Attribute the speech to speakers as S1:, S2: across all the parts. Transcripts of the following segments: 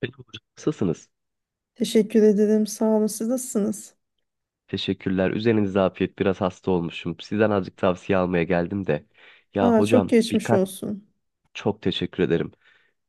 S1: Peki hocam, nasılsınız?
S2: Teşekkür ederim. Sağ olun. Siz nasılsınız?
S1: Teşekkürler. Üzerinize afiyet. Biraz hasta olmuşum. Sizden azıcık tavsiye almaya geldim de. Ya
S2: Aa, çok
S1: hocam
S2: geçmiş
S1: birkaç
S2: olsun.
S1: Çok teşekkür ederim.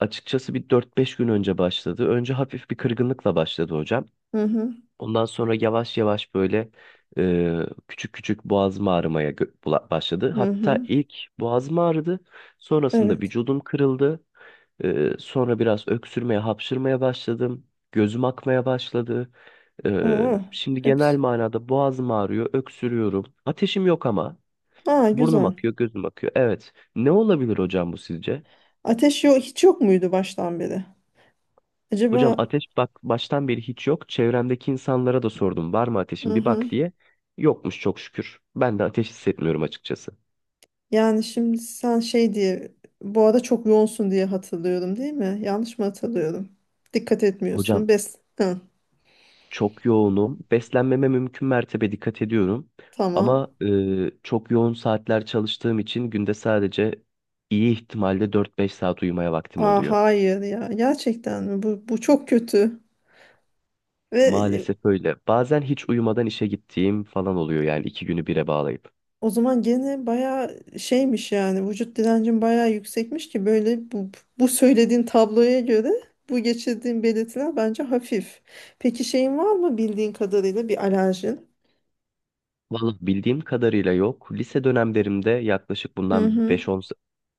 S1: Açıkçası bir 4-5 gün önce başladı. Önce hafif bir kırgınlıkla başladı hocam.
S2: Hı hı.
S1: Ondan sonra yavaş yavaş böyle e, küçük küçük boğazım ağrımaya başladı.
S2: Hı
S1: Hatta
S2: hı.
S1: ilk boğazım ağrıdı. Sonrasında
S2: Evet.
S1: vücudum kırıldı. Sonra biraz öksürmeye, hapşırmaya başladım. Gözüm akmaya başladı.
S2: Oo,
S1: Şimdi genel
S2: hepsi.
S1: manada boğazım ağrıyor, öksürüyorum. Ateşim yok ama
S2: Aa,
S1: burnum
S2: güzel.
S1: akıyor, gözüm akıyor. Evet. Ne olabilir hocam bu sizce?
S2: Ateş yok, hiç yok muydu baştan beri?
S1: Hocam
S2: Acaba
S1: ateş bak baştan beri hiç yok. Çevremdeki insanlara da sordum var mı
S2: hı
S1: ateşin bir
S2: hı.
S1: bak diye. Yokmuş çok şükür. Ben de ateş hissetmiyorum açıkçası.
S2: Yani şimdi sen şey diye bu arada çok yoğunsun diye hatırlıyorum, değil mi? Yanlış mı hatırlıyorum? Dikkat
S1: Hocam
S2: etmiyorsun.
S1: çok yoğunum. Beslenmeme mümkün mertebe dikkat ediyorum.
S2: Tamam.
S1: Ama çok yoğun saatler çalıştığım için günde sadece iyi ihtimalle 4-5 saat uyumaya vaktim
S2: Aa,
S1: oluyor.
S2: hayır ya. Gerçekten mi? Bu çok kötü. Ve
S1: Maalesef öyle. Bazen hiç uyumadan işe gittiğim falan oluyor yani iki günü bire bağlayıp.
S2: O zaman gene bayağı şeymiş, yani vücut direncin bayağı yüksekmiş ki böyle bu söylediğin tabloya göre bu geçirdiğin belirtiler bence hafif. Peki şeyin var mı, bildiğin kadarıyla bir alerjin?
S1: Vallahi bildiğim kadarıyla yok. Lise dönemlerimde yaklaşık
S2: Hı
S1: bundan
S2: hı.
S1: beş on se-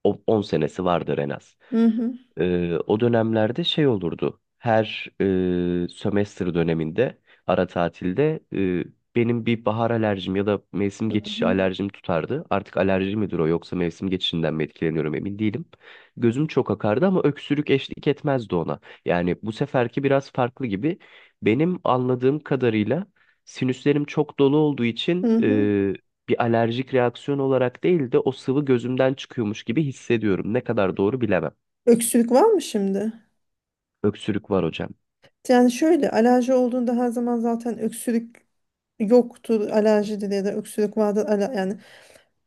S1: o- 10 senesi vardır en az.
S2: Hı hı.
S1: O dönemlerde şey olurdu. Her sömestr döneminde ara tatilde benim bir bahar alerjim ya da mevsim
S2: Hı
S1: geçişi
S2: hı.
S1: alerjim tutardı. Artık alerji midir o yoksa mevsim geçişinden mi etkileniyorum emin değilim. Gözüm çok akardı ama öksürük eşlik etmezdi ona. Yani bu seferki biraz farklı gibi. Benim anladığım kadarıyla sinüslerim çok dolu olduğu
S2: hı.
S1: için
S2: hı.
S1: bir alerjik reaksiyon olarak değil de o sıvı gözümden çıkıyormuş gibi hissediyorum. Ne kadar doğru bilemem.
S2: Öksürük var mı şimdi?
S1: Öksürük var hocam.
S2: Yani şöyle, alerji olduğunda her zaman zaten öksürük yoktur, alerjidir, ya da öksürük vardır. Yani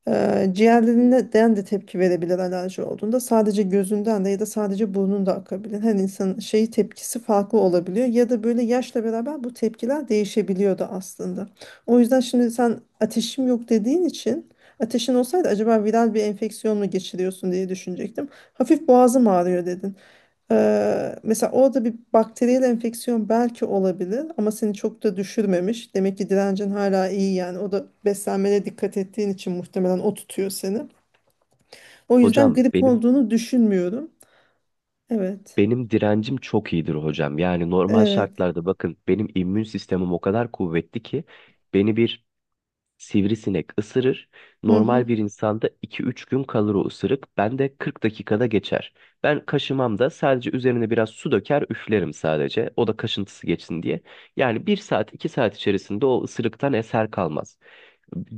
S2: Ciğerlerinden de tepki verebilir alerji olduğunda, sadece gözünden de ya da sadece burnun da akabilir. Her insanın şeyi, tepkisi farklı olabiliyor ya da böyle yaşla beraber bu tepkiler değişebiliyor da aslında. O yüzden şimdi sen ateşim yok dediğin için, ateşin olsaydı acaba viral bir enfeksiyon mu geçiriyorsun diye düşünecektim. Hafif boğazım ağrıyor dedin. Mesela orada bir bakteriyel enfeksiyon belki olabilir ama seni çok da düşürmemiş. Demek ki direncin hala iyi, yani. O da beslenmene dikkat ettiğin için muhtemelen o tutuyor seni. O yüzden
S1: Hocam
S2: grip
S1: benim
S2: olduğunu düşünmüyorum. Evet.
S1: benim direncim çok iyidir hocam. Yani normal
S2: Evet.
S1: şartlarda bakın benim immün sistemim o kadar kuvvetli ki beni bir sivrisinek ısırır.
S2: Hı hı.
S1: Normal bir insanda 2-3 gün kalır o ısırık. Ben de 40 dakikada geçer. Ben kaşımam da sadece üzerine biraz su döker üflerim sadece. O da kaşıntısı geçsin diye. Yani 1-2 saat içerisinde o ısırıktan eser kalmaz.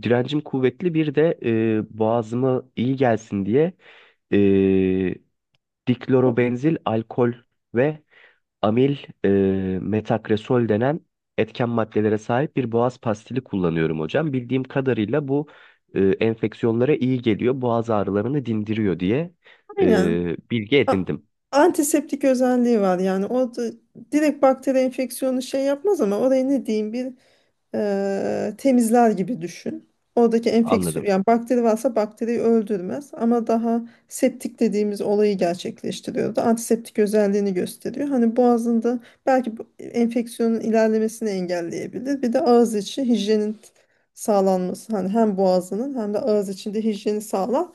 S1: Direncim kuvvetli bir de boğazıma iyi gelsin diye e, diklorobenzil alkol ve amil e, metakresol denen etken maddelere sahip bir boğaz pastili kullanıyorum hocam. Bildiğim kadarıyla bu enfeksiyonlara iyi geliyor, boğaz ağrılarını dindiriyor diye
S2: Aynen.
S1: bilgi
S2: A-
S1: edindim,
S2: Antiseptik özelliği var yani. O da direkt bakteri enfeksiyonu şey yapmaz ama oraya ne diyeyim, bir temizler gibi düşün. Oradaki
S1: anladım.
S2: enfeksiyon, yani bakteri varsa bakteriyi öldürmez ama daha septik dediğimiz olayı gerçekleştiriyor da antiseptik özelliğini gösteriyor. Hani boğazında belki bu enfeksiyonun ilerlemesini engelleyebilir. Bir de ağız içi hijyenin sağlanması, hani hem boğazının hem de ağız içinde hijyeni sağlar.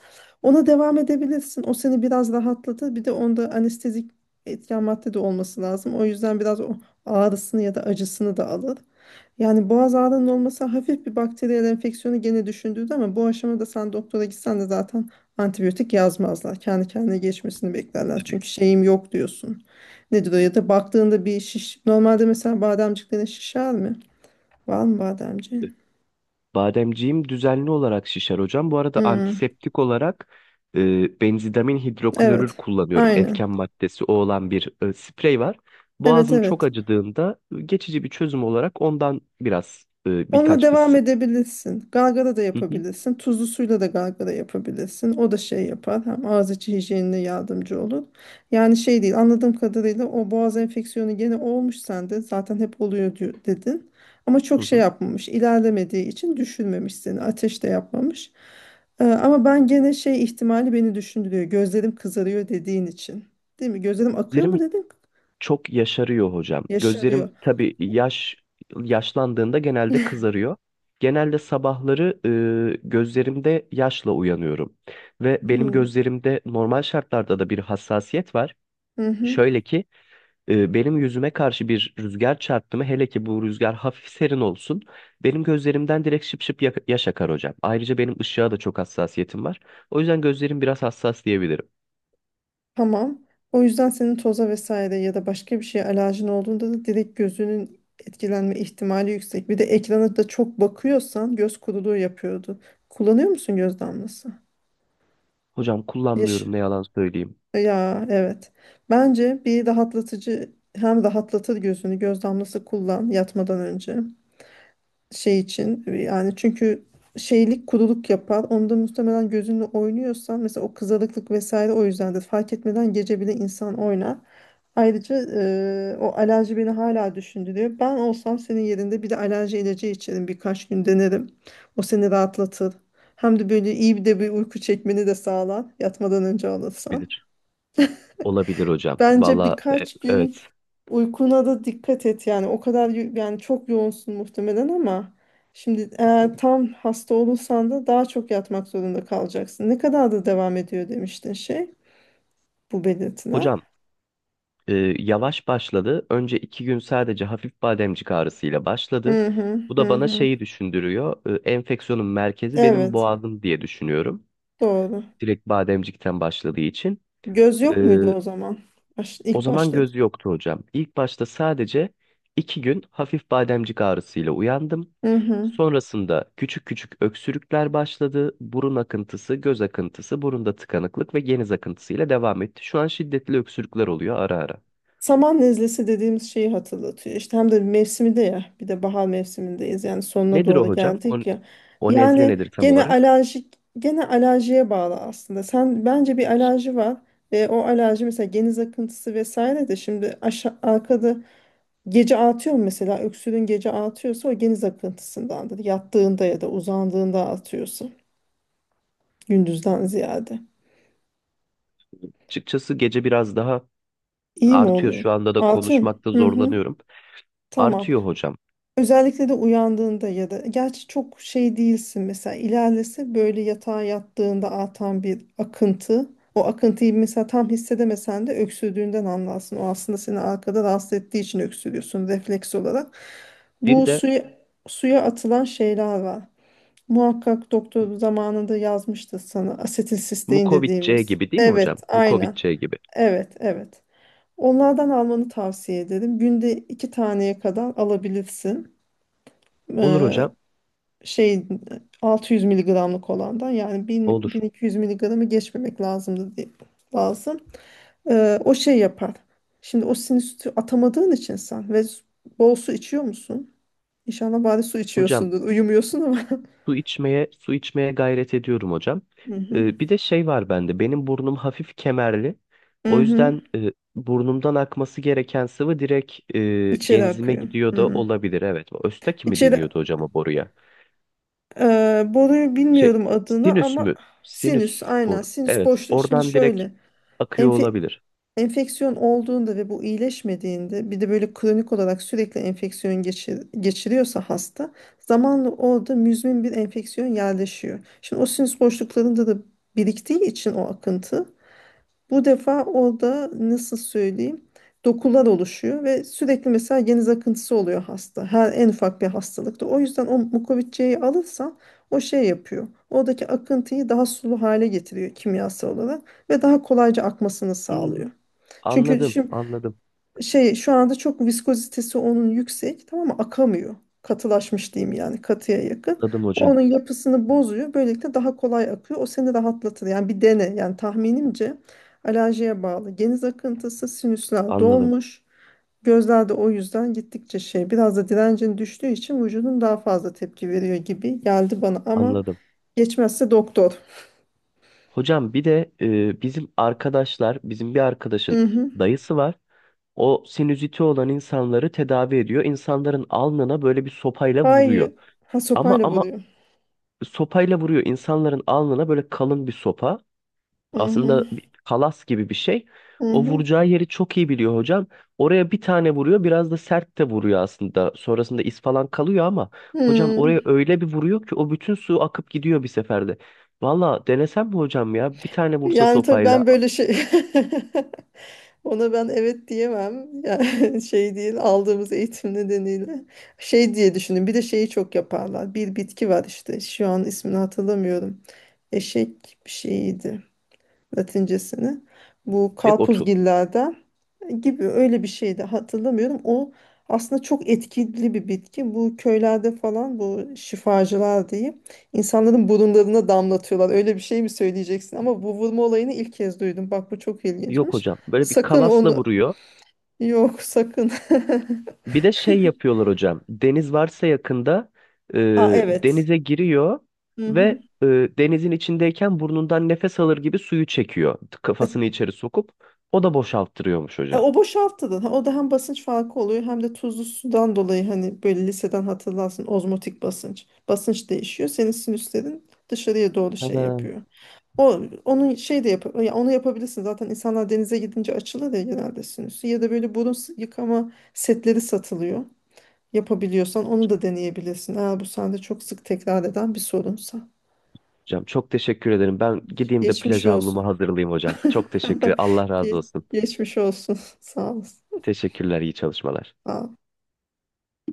S2: Ona devam edebilirsin. O seni biraz rahatlatır. Bir de onda anestezik etken madde de olması lazım. O yüzden biraz o ağrısını ya da acısını da alır. Yani boğaz ağrının olması hafif bir bakteriyel enfeksiyonu gene düşündürdü ama bu aşamada sen doktora gitsen de zaten antibiyotik yazmazlar. Kendi kendine geçmesini beklerler. Çünkü şeyim yok diyorsun. Nedir o, ya da baktığında bir şiş. Normalde mesela bademciklerin şişer mi? Var mı bademciğin?
S1: Bademciğim düzenli olarak şişer hocam. Bu arada
S2: Hmm,
S1: antiseptik olarak benzidamin hidroklorür
S2: evet.
S1: kullanıyorum.
S2: Aynen.
S1: Etken maddesi o olan bir sprey var.
S2: Evet,
S1: Boğazım çok
S2: evet.
S1: acıdığında geçici bir çözüm olarak ondan biraz
S2: Onunla
S1: birkaç
S2: devam
S1: fıstık.
S2: edebilirsin. Galgara da
S1: Hı hı,
S2: yapabilirsin. Tuzlu suyla da galgara yapabilirsin. O da şey yapar. Hem ağız içi hijyenine yardımcı olur. Yani şey değil, anladığım kadarıyla o boğaz enfeksiyonu gene olmuş sende. Zaten hep oluyor dedin. Ama çok
S1: hı
S2: şey
S1: hı.
S2: yapmamış, ilerlemediği için düşürmemiş seni. Ateş de yapmamış. Ama ben gene şey ihtimali beni düşündürüyor. Gözlerim kızarıyor dediğin için. Değil mi? Gözlerim akıyor mu
S1: Gözlerim
S2: dedin?
S1: çok yaşarıyor hocam.
S2: Yaşarıyor.
S1: Gözlerim tabii yaşlandığında genelde kızarıyor. Genelde sabahları gözlerimde yaşla uyanıyorum. Ve benim
S2: Hı
S1: gözlerimde normal şartlarda da bir hassasiyet var.
S2: hı.
S1: Şöyle ki benim yüzüme karşı bir rüzgar çarptı mı hele ki bu rüzgar hafif serin olsun benim gözlerimden direkt şıp şıp yaş akar hocam. Ayrıca benim ışığa da çok hassasiyetim var. O yüzden gözlerim biraz hassas diyebilirim.
S2: Tamam. O yüzden senin toza vesaire ya da başka bir şeye alerjin olduğunda da direkt gözünün etkilenme ihtimali yüksek. Bir de ekrana da çok bakıyorsan, göz kuruluğu yapıyordu. Kullanıyor musun göz damlası?
S1: Hocam
S2: Yaş.
S1: kullanmıyorum ne yalan söyleyeyim.
S2: Ya, evet. Bence bir rahatlatıcı hem rahatlatır gözünü, göz damlası kullan yatmadan önce. Şey için, yani çünkü şeylik, kuruluk yapar. Onda muhtemelen gözünle oynuyorsan mesela, o kızarıklık vesaire o yüzdendir. Fark etmeden gece bile insan oynar. Ayrıca o alerji beni hala düşündürüyor. Ben olsam senin yerinde bir de alerji ilacı içerim, birkaç gün denerim. O seni rahatlatır. Hem de böyle iyi bir de bir uyku çekmeni de sağlar yatmadan önce alırsan.
S1: Bilir. Olabilir hocam.
S2: Bence
S1: Valla
S2: birkaç gün
S1: evet.
S2: uykuna da dikkat et. Yani o kadar yani çok yoğunsun muhtemelen ama şimdi eğer tam hasta olursan da daha çok yatmak zorunda kalacaksın. Ne kadar da devam ediyor demiştin, bu
S1: Hocam
S2: belirtiler?
S1: e, yavaş başladı. Önce 2 gün sadece hafif bademcik ağrısıyla başladı.
S2: Hı hı
S1: Bu da
S2: hı
S1: bana
S2: hı.
S1: şeyi düşündürüyor. Enfeksiyonun merkezi benim
S2: Evet,
S1: boğazım diye düşünüyorum
S2: doğru.
S1: direkt bademcikten başladığı için.
S2: Göz
S1: Ee,
S2: yok muydu o zaman? Baş,
S1: O
S2: ilk
S1: zaman
S2: başladı.
S1: göz yoktu hocam. İlk başta sadece 2 gün hafif bademcik ağrısıyla uyandım.
S2: Hı hı
S1: Sonrasında küçük küçük öksürükler başladı. Burun akıntısı, göz akıntısı, burunda tıkanıklık ve geniz akıntısıyla devam etti. Şu an şiddetli öksürükler oluyor ara ara.
S2: Saman nezlesi dediğimiz şeyi hatırlatıyor. İşte hem de mevsimi de, ya bir de bahar mevsimindeyiz yani, sonuna
S1: Nedir o
S2: doğru
S1: hocam? O,
S2: geldik ya.
S1: o nezle
S2: Yani
S1: nedir tam
S2: gene
S1: olarak?
S2: alerjik, gene alerjiye bağlı aslında. Sen bence bir alerji var. E, o alerji mesela geniz akıntısı vesaire de şimdi arkada, gece artıyor mu mesela öksürüğün? Gece artıyorsa o geniz akıntısındandır. Yattığında ya da uzandığında artıyorsa, gündüzden ziyade.
S1: Açıkçası gece biraz daha
S2: İyi mi
S1: artıyor.
S2: oluyor?
S1: Şu anda da
S2: Artıyor mu?
S1: konuşmakta
S2: Hı hı.
S1: zorlanıyorum.
S2: Tamam.
S1: Artıyor hocam.
S2: Özellikle de uyandığında, ya da gerçi çok şey değilsin mesela ilerlese böyle yatağa yattığında atan bir akıntı, o akıntıyı mesela tam hissedemesen de öksürdüğünden anlarsın. O aslında seni arkada rahatsız ettiği için öksürüyorsun refleks olarak.
S1: Bir
S2: Bu
S1: de
S2: suya, suya atılan şeyler var. Muhakkak doktor zamanında yazmıştı sana, asetilsistein
S1: Mukovitçe
S2: dediğimiz.
S1: gibi değil mi hocam?
S2: Evet, aynen.
S1: Mukovitçe gibi.
S2: Evet, evet. Onlardan almanı tavsiye ederim. Günde iki taneye kadar alabilirsin.
S1: Olur
S2: Eee,
S1: hocam.
S2: şey 600 miligramlık olandan, yani 1000,
S1: Olur.
S2: 1200 miligramı geçmemek lazım. O şey yapar. Şimdi o sinüsü atamadığın için sen, bol su içiyor musun? İnşallah bari su
S1: Hocam
S2: içiyorsundur. Uyumuyorsun ama.
S1: su içmeye su içmeye gayret ediyorum hocam.
S2: Hı hı.
S1: Bir de şey var bende. Benim burnum hafif kemerli.
S2: Hı
S1: O
S2: hı.
S1: yüzden burnumdan akması gereken sıvı direkt
S2: İçeri
S1: genzime
S2: akıyor.
S1: gidiyor da
S2: Hı.
S1: olabilir. Evet. Östaki mi
S2: İçeri
S1: deniyordu hocam o boruya?
S2: boruyu
S1: Şey,
S2: bilmiyorum adını
S1: sinüs
S2: ama
S1: mü? Sinüs
S2: sinüs, aynen,
S1: boru.
S2: sinüs
S1: Evet.
S2: boşluğu. Şimdi
S1: Oradan direkt
S2: şöyle,
S1: akıyor
S2: Enfe-
S1: olabilir.
S2: enfeksiyon olduğunda ve bu iyileşmediğinde, bir de böyle kronik olarak sürekli enfeksiyon geçiriyorsa hasta, zamanla orada müzmin bir enfeksiyon yerleşiyor. Şimdi o sinüs boşluklarında da biriktiği için o akıntı, bu defa orada nasıl söyleyeyim, dokular oluşuyor ve sürekli mesela geniz akıntısı oluyor hasta. Her en ufak bir hastalıkta. O yüzden o mukovisçeyi alırsan o şey yapıyor. Oradaki akıntıyı daha sulu hale getiriyor kimyasal olarak, ve daha kolayca akmasını
S1: Hmm.
S2: sağlıyor. Çünkü
S1: Anladım,
S2: şimdi
S1: anladım,
S2: şey, şu anda çok viskozitesi onun yüksek, tamam mı, akamıyor. Katılaşmış diyeyim, yani katıya yakın.
S1: anladım
S2: O
S1: hocam,
S2: onun yapısını bozuyor. Böylelikle daha kolay akıyor. O seni rahatlatır. Yani bir dene. Yani tahminimce alerjiye bağlı. Geniz akıntısı, sinüsler
S1: anladım,
S2: dolmuş. Gözlerde o yüzden gittikçe şey, biraz da direncin düştüğü için vücudun daha fazla tepki veriyor gibi geldi bana ama
S1: anladım.
S2: geçmezse doktor.
S1: Hocam bir de bizim bir
S2: Hı
S1: arkadaşın
S2: hı.
S1: dayısı var. O sinüziti olan insanları tedavi ediyor. İnsanların alnına böyle bir sopayla
S2: Hayır.
S1: vuruyor.
S2: Ha,
S1: Ama
S2: sopayla
S1: ama
S2: vuruyor.
S1: sopayla vuruyor insanların alnına böyle kalın bir sopa.
S2: Hı hı.
S1: Aslında bir kalas gibi bir şey.
S2: Hı
S1: O
S2: hı.
S1: vuracağı yeri çok iyi biliyor hocam. Oraya bir tane vuruyor, biraz da sert de vuruyor aslında. Sonrasında iz falan kalıyor ama hocam
S2: Hı.
S1: oraya öyle bir vuruyor ki o bütün su akıp gidiyor bir seferde. Valla denesem mi hocam ya? Bir tane vursa
S2: Yani tabii
S1: sopayla
S2: ben böyle şey, ona ben evet diyemem. Yani şey değil, aldığımız eğitim nedeniyle şey diye düşündüm. Bir de şeyi çok yaparlar. Bir bitki var işte, şu an ismini hatırlamıyorum. Eşek bir şeyiydi Latincesini. Bu
S1: çek otu.
S2: karpuzgillerden gibi öyle bir şeydi, hatırlamıyorum. O aslında çok etkili bir bitki. Bu köylerde falan bu şifacılar diyeyim, insanların burunlarına damlatıyorlar. Öyle bir şey mi söyleyeceksin? Ama bu vurma olayını ilk kez duydum. Bak, bu çok
S1: Yok
S2: ilginçmiş.
S1: hocam. Böyle bir
S2: Sakın
S1: kalasla
S2: onu,
S1: vuruyor.
S2: yok sakın.
S1: Bir de şey yapıyorlar hocam. Deniz varsa yakında e,
S2: Aa, evet.
S1: denize giriyor
S2: Hı hı.
S1: ve denizin içindeyken burnundan nefes alır gibi suyu çekiyor.
S2: E,
S1: Kafasını içeri sokup o da boşalttırıyormuş hocam.
S2: o boşaltılır. Ha, o da hem basınç farkı oluyor hem de tuzlu sudan dolayı, hani böyle liseden hatırlarsın, ozmotik basınç. Basınç değişiyor. Senin sinüslerin dışarıya doğru şey
S1: Tamam.
S2: yapıyor. O onun şey de yap, ya onu yapabilirsin. Zaten insanlar denize gidince açılır ya genelde sinüsü. Ya da böyle yıkama setleri satılıyor. Yapabiliyorsan onu da deneyebilirsin. Eğer bu sende çok sık tekrar eden bir sorunsa.
S1: Hocam çok teşekkür ederim. Ben gideyim de
S2: Geçmiş
S1: plaj havlumu
S2: olsun.
S1: hazırlayayım hocam. Çok teşekkür. Allah razı
S2: Geç,
S1: olsun.
S2: geçmiş olsun. Sağ olasın.
S1: Teşekkürler, iyi çalışmalar.
S2: Sağ ol.